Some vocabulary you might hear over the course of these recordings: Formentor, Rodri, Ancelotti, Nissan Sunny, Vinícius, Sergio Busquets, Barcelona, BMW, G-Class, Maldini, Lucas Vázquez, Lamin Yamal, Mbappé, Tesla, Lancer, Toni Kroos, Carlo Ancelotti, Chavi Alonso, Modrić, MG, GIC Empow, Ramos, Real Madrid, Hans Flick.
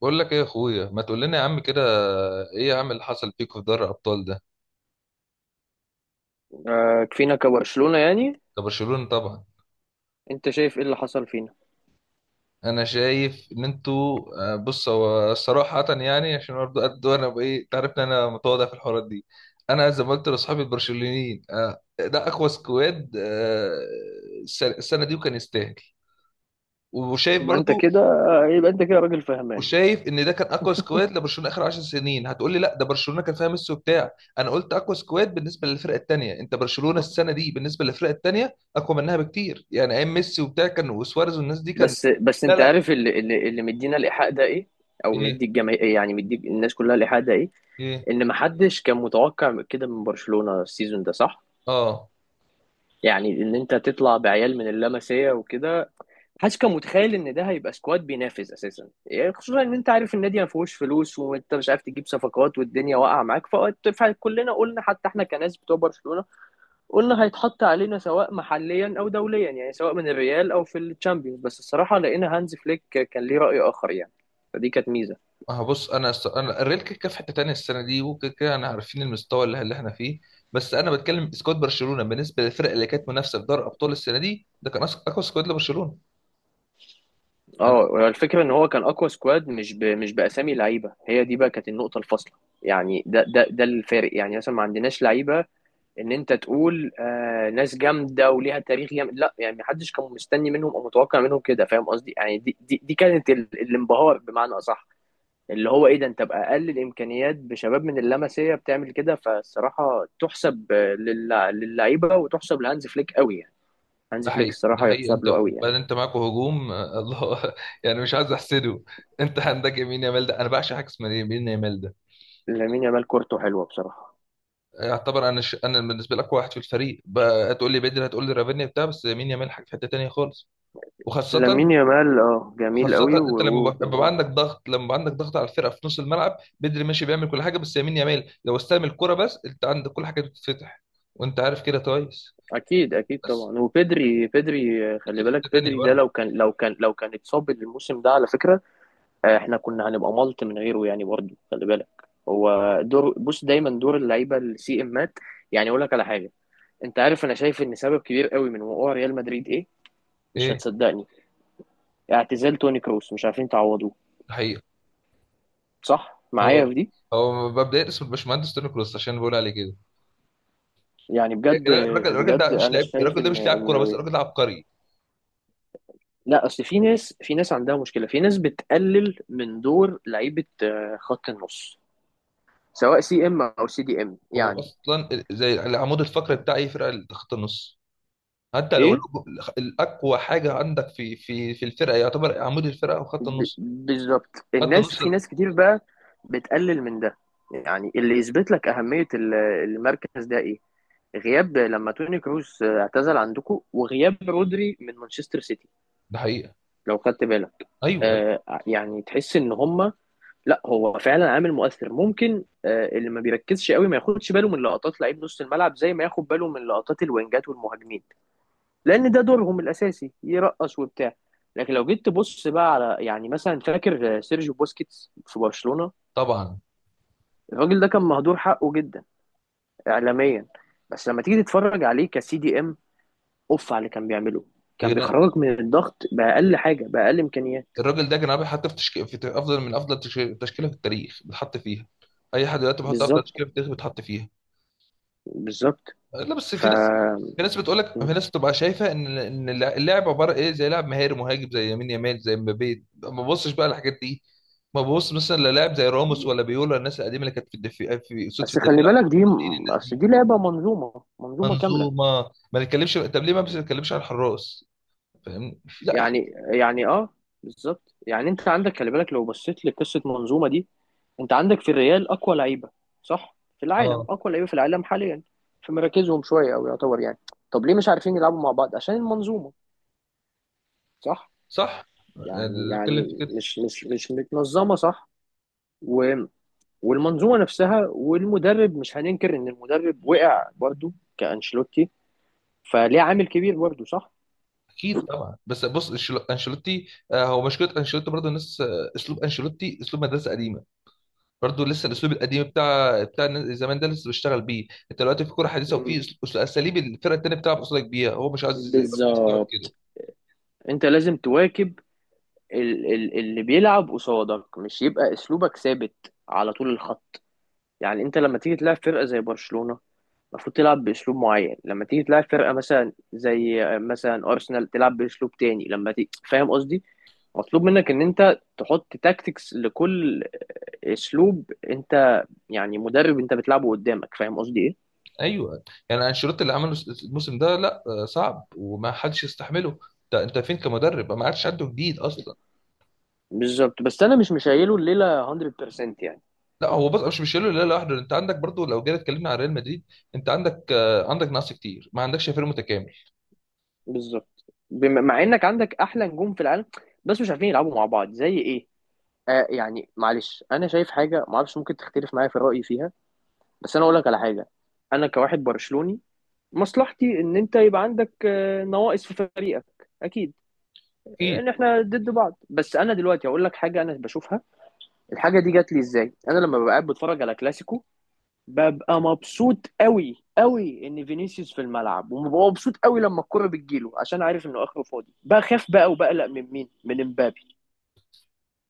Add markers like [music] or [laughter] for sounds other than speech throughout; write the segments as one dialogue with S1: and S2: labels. S1: بقول لك ايه يا اخويا؟ ما تقول لنا يا عم كده. ايه يا عم اللي حصل فيكوا في دوري الابطال ده؟
S2: آه، كفينا كبرشلونة يعني.
S1: كبرشلونه طبعا.
S2: انت شايف ايه اللي حصل فينا؟
S1: انا شايف ان انتوا. بص، هو صراحه يعني عشان برضه قد انا بايه، تعرف ان انا متواضع في الحوارات دي. انا زي ما قلت لاصحابي البرشلونيين، ده اقوى سكواد، السنة دي وكان يستاهل. وشايف
S2: يبقى انت
S1: برضو.
S2: كده، يبقى انت كده راجل فهمان.
S1: وشايف ان ده كان اقوى سكواد لبرشلونه اخر 10 سنين. هتقول لي لا، ده برشلونه كان فيها ميسي وبتاع. انا قلت اقوى سكواد بالنسبه للفرق التانيه. انت برشلونه السنه دي بالنسبه للفرق التانيه اقوى منها بكتير، يعني ايام ميسي وبتاع كان، وسواريز والناس دي كان.
S2: بس
S1: لا،
S2: انت
S1: لا.
S2: عارف اللي مدينا الايحاء ده ايه؟ او
S1: ايه؟
S2: مدي الجماهير، يعني مدي الناس كلها الايحاء ده ايه؟
S1: ايه؟
S2: ان محدش كان متوقع كده من برشلونة السيزون ده، صح؟
S1: اه،
S2: يعني ان انت تطلع بعيال من اللمسيه وكده، محدش كان متخيل ان ده هيبقى سكواد بينافس اساسا، يعني خصوصا ان انت عارف النادي ما فيهوش فلوس، وانت مش عارف تجيب صفقات والدنيا واقعه معاك، فكلنا قلنا حتى احنا كناس بتوع برشلونة، قلنا هيتحط علينا سواء محليا او دوليا، يعني سواء من الريال او في الشامبيونز. بس الصراحه لقينا هانز فليك كان ليه راي اخر يعني، فدي كانت ميزه.
S1: اه، بص. انا الريال كيكا في حته تانيه السنه دي، وكده كده انا عارفين المستوى اللي احنا فيه. بس انا بتكلم سكواد برشلونه بالنسبه للفرق اللي كانت منافسه في دوري الابطال السنه دي. ده كان اقوى سكواد لبرشلونه.
S2: اه الفكره ان هو كان اقوى سكواد، مش باسامي لعيبه. هي دي بقى كانت النقطه الفاصله، يعني ده الفارق. يعني مثلا ما عندناش لعيبه ان انت تقول آه ناس جامده وليها تاريخ جامد، لا يعني محدش كان مستني منهم او متوقع منهم كده، فاهم قصدي؟ يعني دي كانت الانبهار بمعنى اصح، اللي هو ايه ده؟ انت باقل الامكانيات، بشباب من اللمسيه، بتعمل كده. فالصراحه تحسب للعيبه، وتحسب لهانز فليك قوي يعني. هانز
S1: ده
S2: فليك
S1: حقيقي، ده
S2: الصراحه
S1: حقيقي. انت
S2: يحسب له قوي
S1: بل
S2: يعني.
S1: انت معاكوا هجوم، الله [laughs] يعني مش عايز احسده. انت عندك يمين يامال ده، انا بعشق حاجه اسمها يمين يامال ده.
S2: لامين يامال كورته حلوه بصراحه.
S1: يعتبر انا، انا بالنسبه لك واحد في الفريق، بقى هتقول لي بدري، هتقول لي رافينيا بتاع، بس يمين يامال حاجه في حته تانيه خالص. وخاصه.
S2: لامين يامال اه جميل
S1: وخاصه
S2: قوي و...
S1: انت لما
S2: و...
S1: بيبقى
S2: آه.
S1: عندك ضغط لما بيبقى عندك ضغط على الفرقه في نص الملعب. بدري ماشي بيعمل كل حاجه، بس يمين يامال لو استلم الكره بس انت عندك كل حاجه بتتفتح. وانت عارف كده كويس.
S2: اكيد اكيد
S1: بس
S2: طبعا. وبدري، بدري آه، خلي
S1: في
S2: بالك
S1: حته تانيه
S2: بدري ده
S1: برضه.
S2: لو كان اتصاب الموسم ده على فكره، احنا كنا هنبقى ملط من غيره يعني، برضه خلي بالك. هو دور، بص، دايما دور اللعيبه السي امات. يعني اقول لك على حاجه، انت عارف انا شايف ان سبب كبير قوي من وقوع ريال مدريد ايه؟ مش
S1: ايه؟
S2: هتصدقني. اعتزال توني كروس، مش عارفين تعوضوه.
S1: ده حقيقي.
S2: صح معايا
S1: هو
S2: في دي؟
S1: هو مبدئيا اسمه الباشمهندس توني كروس، عشان بقول عليه كده.
S2: يعني
S1: يا
S2: بجد
S1: جدعان، الراجل
S2: بجد،
S1: ده مش
S2: انا
S1: لاعب،
S2: شايف
S1: الراجل ده
S2: ان
S1: مش لاعب كوره، بس الراجل ده عبقري.
S2: لا اصل في ناس، عندها مشكله، في ناس بتقلل من دور لعيبه خط النص، سواء سي ام او سي دي ام
S1: هو
S2: يعني.
S1: اصلا زي العمود الفقري بتاع اي فرقه، اللي خط النص. حتى لو
S2: ايه،
S1: الاقوى حاجه عندك في الفرقه يعتبر عمود الفرقه وخط النص.
S2: بالظبط.
S1: خط
S2: الناس،
S1: النص
S2: في
S1: ال-
S2: ناس كتير بقى بتقلل من ده. يعني اللي يثبت لك اهميه المركز ده ايه؟ غياب لما توني كروس اعتزل عندكم، وغياب رودري من مانشستر سيتي،
S1: ده حقيقه.
S2: لو خدت بالك.
S1: ايوه، أيوة.
S2: آه يعني تحس ان هما، لا هو فعلا عامل مؤثر. ممكن آه اللي ما بيركزش قوي ما ياخدش باله من لقطات لعيب نص الملعب زي ما ياخد باله من لقطات الوينجات والمهاجمين، لان ده دورهم الاساسي، يرقص وبتاع. لكن لو جيت تبص بقى على، يعني مثلا، فاكر سيرجيو بوسكيتس في برشلونة؟
S1: طبعا.
S2: الراجل ده كان مهدور حقه جدا اعلاميا. بس لما تيجي تتفرج عليه كسي دي ام، اوف على اللي كان بيعمله.
S1: يا
S2: كان
S1: جدعان،
S2: بيخرجك من الضغط باقل حاجه، باقل امكانيات.
S1: الراجل ده جنابي، حتى في تشكيل، افضل من تشكيله في التاريخ بيتحط فيها. اي حد دلوقتي بيحط افضل
S2: بالظبط
S1: تشكيله في التاريخ بيتحط فيها.
S2: بالظبط.
S1: لا بس
S2: ف
S1: في ناس، في ناس بتقول لك، في ناس بتبقى شايفه ان اللعب عباره ايه، زي لاعب مهاري مهاجم زي يمين يمال، زي مبابي. ما ببصش بقى الحاجات دي. ما ببص مثلا للاعب زي راموس ولا بيولا، الناس القديمه اللي كانت في الدفاع، في صوت في
S2: بس خلي
S1: الدفاع.
S2: بالك دي،
S1: مالديني، الناس
S2: اصل
S1: دي.
S2: دي لعبه منظومه، كامله.
S1: منظومه. ما نتكلمش. طب ليه ما بنتكلمش على الحراس؟ فاهم؟ لا، في...
S2: يعني بالظبط. يعني انت عندك، خلي بالك لو بصيت لقصه منظومه دي، انت عندك في الريال اقوى لعيبه، صح؟ في العالم،
S1: اه،
S2: اقوى لعيبه في العالم حاليا في مراكزهم شويه، او يعتبر يعني. طب ليه مش عارفين يلعبوا مع بعض؟ عشان المنظومه، صح؟
S1: صح.
S2: يعني
S1: اللي بتكلم في كده.
S2: مش متنظمه، صح. و والمنظومه نفسها والمدرب، مش هننكر ان المدرب وقع برضو. كانشيلوتي فليه عامل كبير برضو، صح.
S1: اكيد طبعا، بس بص. انشيلوتي، هو مشكله انشيلوتي برضه الناس، اسلوب انشيلوتي اسلوب مدرسه قديمه. برضه لسه الاسلوب القديم بتاع زمان ده لسه بيشتغل بيه. انت دلوقتي في كوره حديثه،
S2: مم.
S1: وفي اساليب الفرقه التانيه بتلعب قصادك بيها، هو مش عايز زي برضه يستوعب كده.
S2: بالظبط. انت لازم تواكب اللي بيلعب قصادك، مش يبقى اسلوبك ثابت على طول الخط. يعني انت لما تيجي تلعب فرقه زي برشلونه، المفروض تلعب باسلوب معين. لما تيجي تلعب فرقه مثلا زي مثلا ارسنال، تلعب باسلوب تاني. لما تيجي، فاهم قصدي، مطلوب منك ان انت تحط تاكتكس لكل اسلوب انت، يعني مدرب انت بتلعبه قدامك، فاهم قصدي ايه؟
S1: ايوه. يعني انشيلوتي اللي عمله الموسم ده لا، صعب وما حدش يستحمله. انت فين كمدرب؟ ما عادش عنده جديد اصلا.
S2: بالظبط. بس انا مش مشايله الليله 100% يعني.
S1: لا، هو بص، مش شايله لا لوحده. انت عندك برضه لو جينا اتكلمنا عن ريال مدريد، انت عندك، عندك نقص كتير، ما عندكش فريق متكامل.
S2: بالظبط. مع انك عندك احلى نجوم في العالم، بس مش عارفين يلعبوا مع بعض زي ايه. آه يعني معلش، انا شايف حاجه ما اعرفش ممكن تختلف معايا في رايي فيها، بس انا اقول لك على حاجه. انا كواحد برشلوني، مصلحتي ان انت يبقى عندك نواقص في فريقك اكيد،
S1: اكيد.
S2: ان احنا ضد بعض. بس انا دلوقتي هقول لك حاجه انا بشوفها. الحاجه دي جات لي ازاي؟ انا لما ببقى قاعد بتفرج على كلاسيكو، ببقى مبسوط قوي قوي ان فينيسيوس في الملعب، وببقى مبسوط قوي لما الكرة بتجيله، عشان عارف انه اخره فاضي. بخاف بقى وبقلق من مين؟ من امبابي.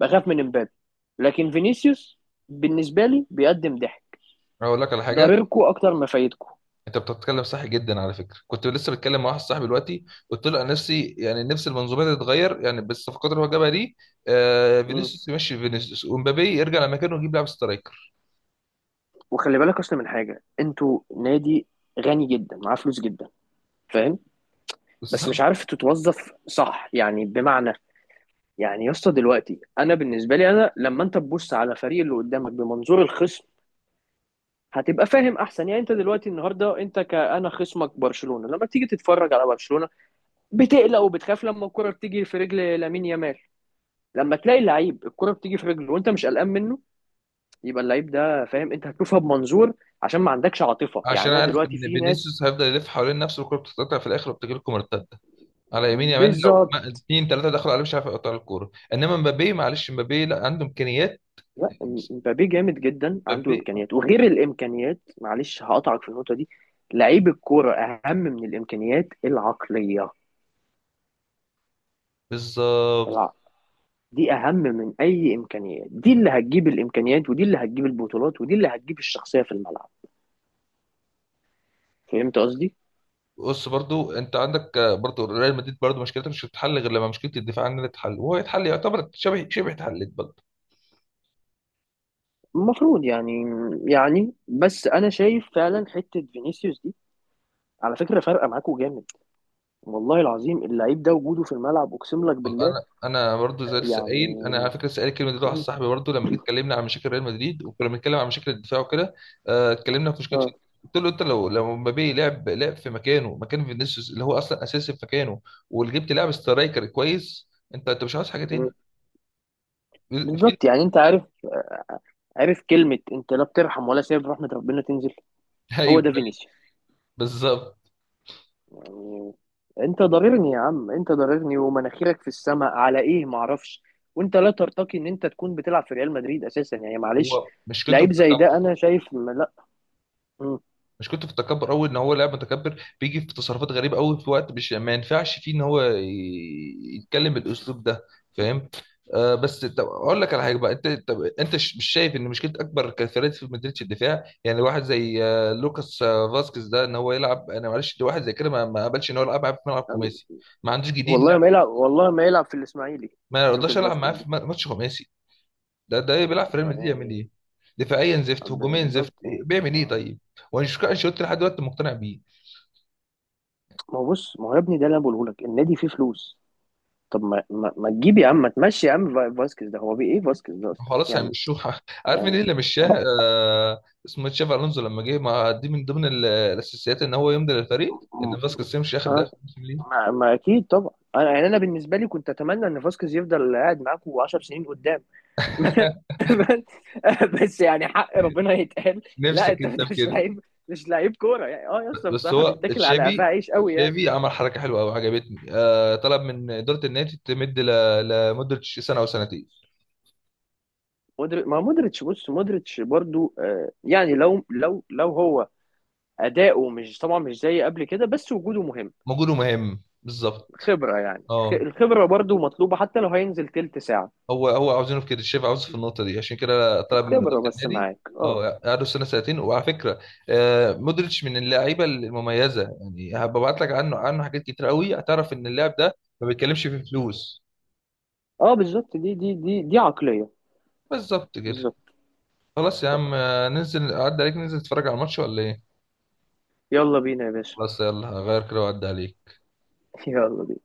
S2: بخاف من امبابي. لكن فينيسيوس بالنسبة لي بيقدم ضحك،
S1: اقول لك على حاجه.
S2: ضرركوا اكتر ما فايدكوا.
S1: انت بتتكلم صح جدا. على فكره كنت لسه بتكلم مع واحد صاحبي دلوقتي، قلت له انا نفسي يعني نفس المنظومه دي تتغير، يعني بالصفقات اللي هو جابها دي. آه،
S2: مم.
S1: فينيسيوس يمشي، فينيسيوس ومبابي يرجع لمكانه، ويجيب لاعب سترايكر.
S2: وخلي بالك اصلا من حاجة، انتوا نادي غني جدا، معاه فلوس جدا، فاهم؟
S1: [laughs] بس.
S2: بس مش عارف تتوظف صح، يعني بمعنى، يعني يا اسطى دلوقتي، انا بالنسبه لي، انا لما انت تبص على فريق اللي قدامك بمنظور الخصم، هتبقى فاهم احسن. يعني انت دلوقتي النهارده، انت كأنا خصمك برشلونة، لما تيجي تتفرج على برشلونة بتقلق وبتخاف لما الكرة بتيجي في رجل لامين يامال. لما تلاقي لعيب الكرة بتيجي في رجله وانت مش قلقان منه، يبقى اللعيب ده، فاهم، انت هتشوفها بمنظور. عشان ما عندكش عاطفة يعني.
S1: عشان
S2: انا
S1: عارف
S2: دلوقتي
S1: ان
S2: في ناس،
S1: فينيسيوس هيفضل يلف حوالين نفسه والكوره بتتقطع في الاخر وبتجي لكم مرتده على يمين يامال، لو
S2: بالظبط.
S1: اتنين تلاته دخلوا عليه مش عارف يقطع الكوره. انما مبابي، معلش، مبابي لا عنده امكانيات.
S2: لا، مبابي جامد جدا، عنده
S1: مبابي.
S2: امكانيات، وغير الامكانيات معلش هقطعك في النقطة دي. لعيب الكرة اهم من الامكانيات العقلية.
S1: بالظبط.
S2: الع- دي اهم من اي امكانيات، دي اللي هتجيب الامكانيات، ودي اللي هتجيب البطولات، ودي اللي هتجيب الشخصيه في الملعب، فهمت قصدي؟
S1: بص برضو، انت عندك، برضو ريال مدريد برضو مشكلتها مش هتتحل غير لما مشكله الدفاع عننا تتحل، وهو يتحل يعتبر شبه شبه اتحلت برضو.
S2: المفروض يعني. بس انا شايف فعلا حته فينيسيوس دي على فكره فارقه معاكوا جامد. والله العظيم اللعيب ده وجوده في الملعب، اقسم لك
S1: والله
S2: بالله.
S1: انا برضو زي لسه قايل، انا على
S2: يعني
S1: فكره لسه قايل الكلمه دي لواحد صاحبي
S2: [clears throat]
S1: برضو لما جيت اتكلمنا عن مشاكل ريال مدريد وكنا بنتكلم عن مشاكل الدفاع وكده. آه، اتكلمنا في مشكله.
S2: اه.
S1: قلت له انت، لو مبابي لعب، لعب في مكانه، مكان فينيسيوس اللي هو اصلا اساسي في مكانه، وجبت لاعب سترايكر كويس، انت مش عاوز حاجه
S2: مم.
S1: تاني. فين؟
S2: بالظبط يعني. انت عارف، عارف كلمه، انت لا بترحم ولا سايب رحمه ربنا تنزل،
S1: ايوه،
S2: هو ده
S1: أيوه.
S2: فينيسيوس
S1: بالظبط.
S2: يعني. انت ضررني يا عم، انت ضررني ومناخيرك في السماء على ايه معرفش، وانت لا ترتقي ان انت تكون بتلعب في ريال مدريد اساسا يعني، معلش.
S1: هو مشكلته في
S2: لعيب زي ده
S1: التكبر.
S2: انا شايف ما لا. مم.
S1: مش كنت في التكبر قوي، ان هو لاعب متكبر بيجي في تصرفات غريبه قوي في وقت مش ما ينفعش فيه ان هو يتكلم بالاسلوب ده. فاهم؟ آه، بس طب اقول لك على حاجه بقى. انت طب انت، مش شايف ان مشكله اكبر كفريق في مدريدش الدفاع؟ يعني واحد زي لوكاس فاسكيز ده، ان هو يلعب. انا معلش، ده واحد زي كده ما قبلش ان هو يلعب معاه في ملعب خماسي. ما عندوش جديد
S2: والله
S1: لعب.
S2: ما يلعب، والله ما يلعب في الاسماعيلي
S1: ما رضاش
S2: لوكاس
S1: العب معاه
S2: فاسكيز
S1: في
S2: ده.
S1: ماتش خماسي. ده بيلعب في ريال مدريد يعمل
S2: آه،
S1: ايه؟ دفاعيا زفت،
S2: يعني
S1: هجوميا زفت،
S2: بالظبط يعني
S1: بيعمل ايه طيب؟ وانا مش انشيلوتي لحد دلوقتي مقتنع بيه.
S2: ما هو بص، ما هو يا ابني ده اللي انا بقوله لك، النادي فيه فلوس. طب ما تجيب يا عم، ما تمشي يا عم، فاسكيز ده هو بيه ايه؟ فاسكيز ده اصلا
S1: خلاص
S2: يعني.
S1: هيمشوها. [laughs] عارف مين
S2: يعني
S1: اللي مشاه؟ آه، اسمه تشافي الونزو. لما جه ما، دي من ضمن الاساسيات ان هو يمضي للفريق ان فاسكيز يمشي، ياخد
S2: اه،
S1: ده موسم ليه.
S2: ما اكيد طبعا. انا يعني انا بالنسبه لي كنت اتمنى ان فاسكيز يفضل قاعد معاكم 10 سنين قدام. [laughs]
S1: [laughs]
S2: بس يعني حق ربنا يتقال. لا
S1: نفسك
S2: انت،
S1: انت في
S2: مش
S1: كده.
S2: لعيب، مش لعيب كوره يعني. اه يا اسطى
S1: بس
S2: بصراحه
S1: هو
S2: بيتاكل على قفاه
S1: تشافي،
S2: عيش قوي يعني.
S1: تشافي عمل حركه حلوه قوي عجبتني، طلب من اداره النادي تمد لمده سنه او سنتين.
S2: مودريتش، ما مودريتش بص مودريتش برضو يعني لو هو اداؤه مش طبعا مش زي قبل كده، بس وجوده مهم.
S1: موجود ومهم بالظبط.
S2: خبره يعني،
S1: اه.
S2: الخبره برضو مطلوبه، حتى لو هينزل تلت ساعه.
S1: هو عاوزينه في كده الشيف، عاوزه في النقطه دي عشان كده طلب من اداره
S2: خبره بس
S1: النادي.
S2: معاك، اه.
S1: اه، قعدوا سنه سنتين وعلى فكره، مودريتش من اللعيبه المميزه، يعني هبعت لك عنه، عنه حاجات كتير قوي، هتعرف ان اللاعب ده ما بيتكلمش في فلوس.
S2: اه بالظبط. دي دي عقليه.
S1: بالظبط كده.
S2: بالظبط.
S1: خلاص يا
S2: صح.
S1: عم، ننزل اعدي عليك، ننزل نتفرج على الماتش ولا ايه؟
S2: يلا بينا يا باشا.
S1: خلاص، يلا هغير كده واعدي عليك.
S2: [laughs] يلا بينا.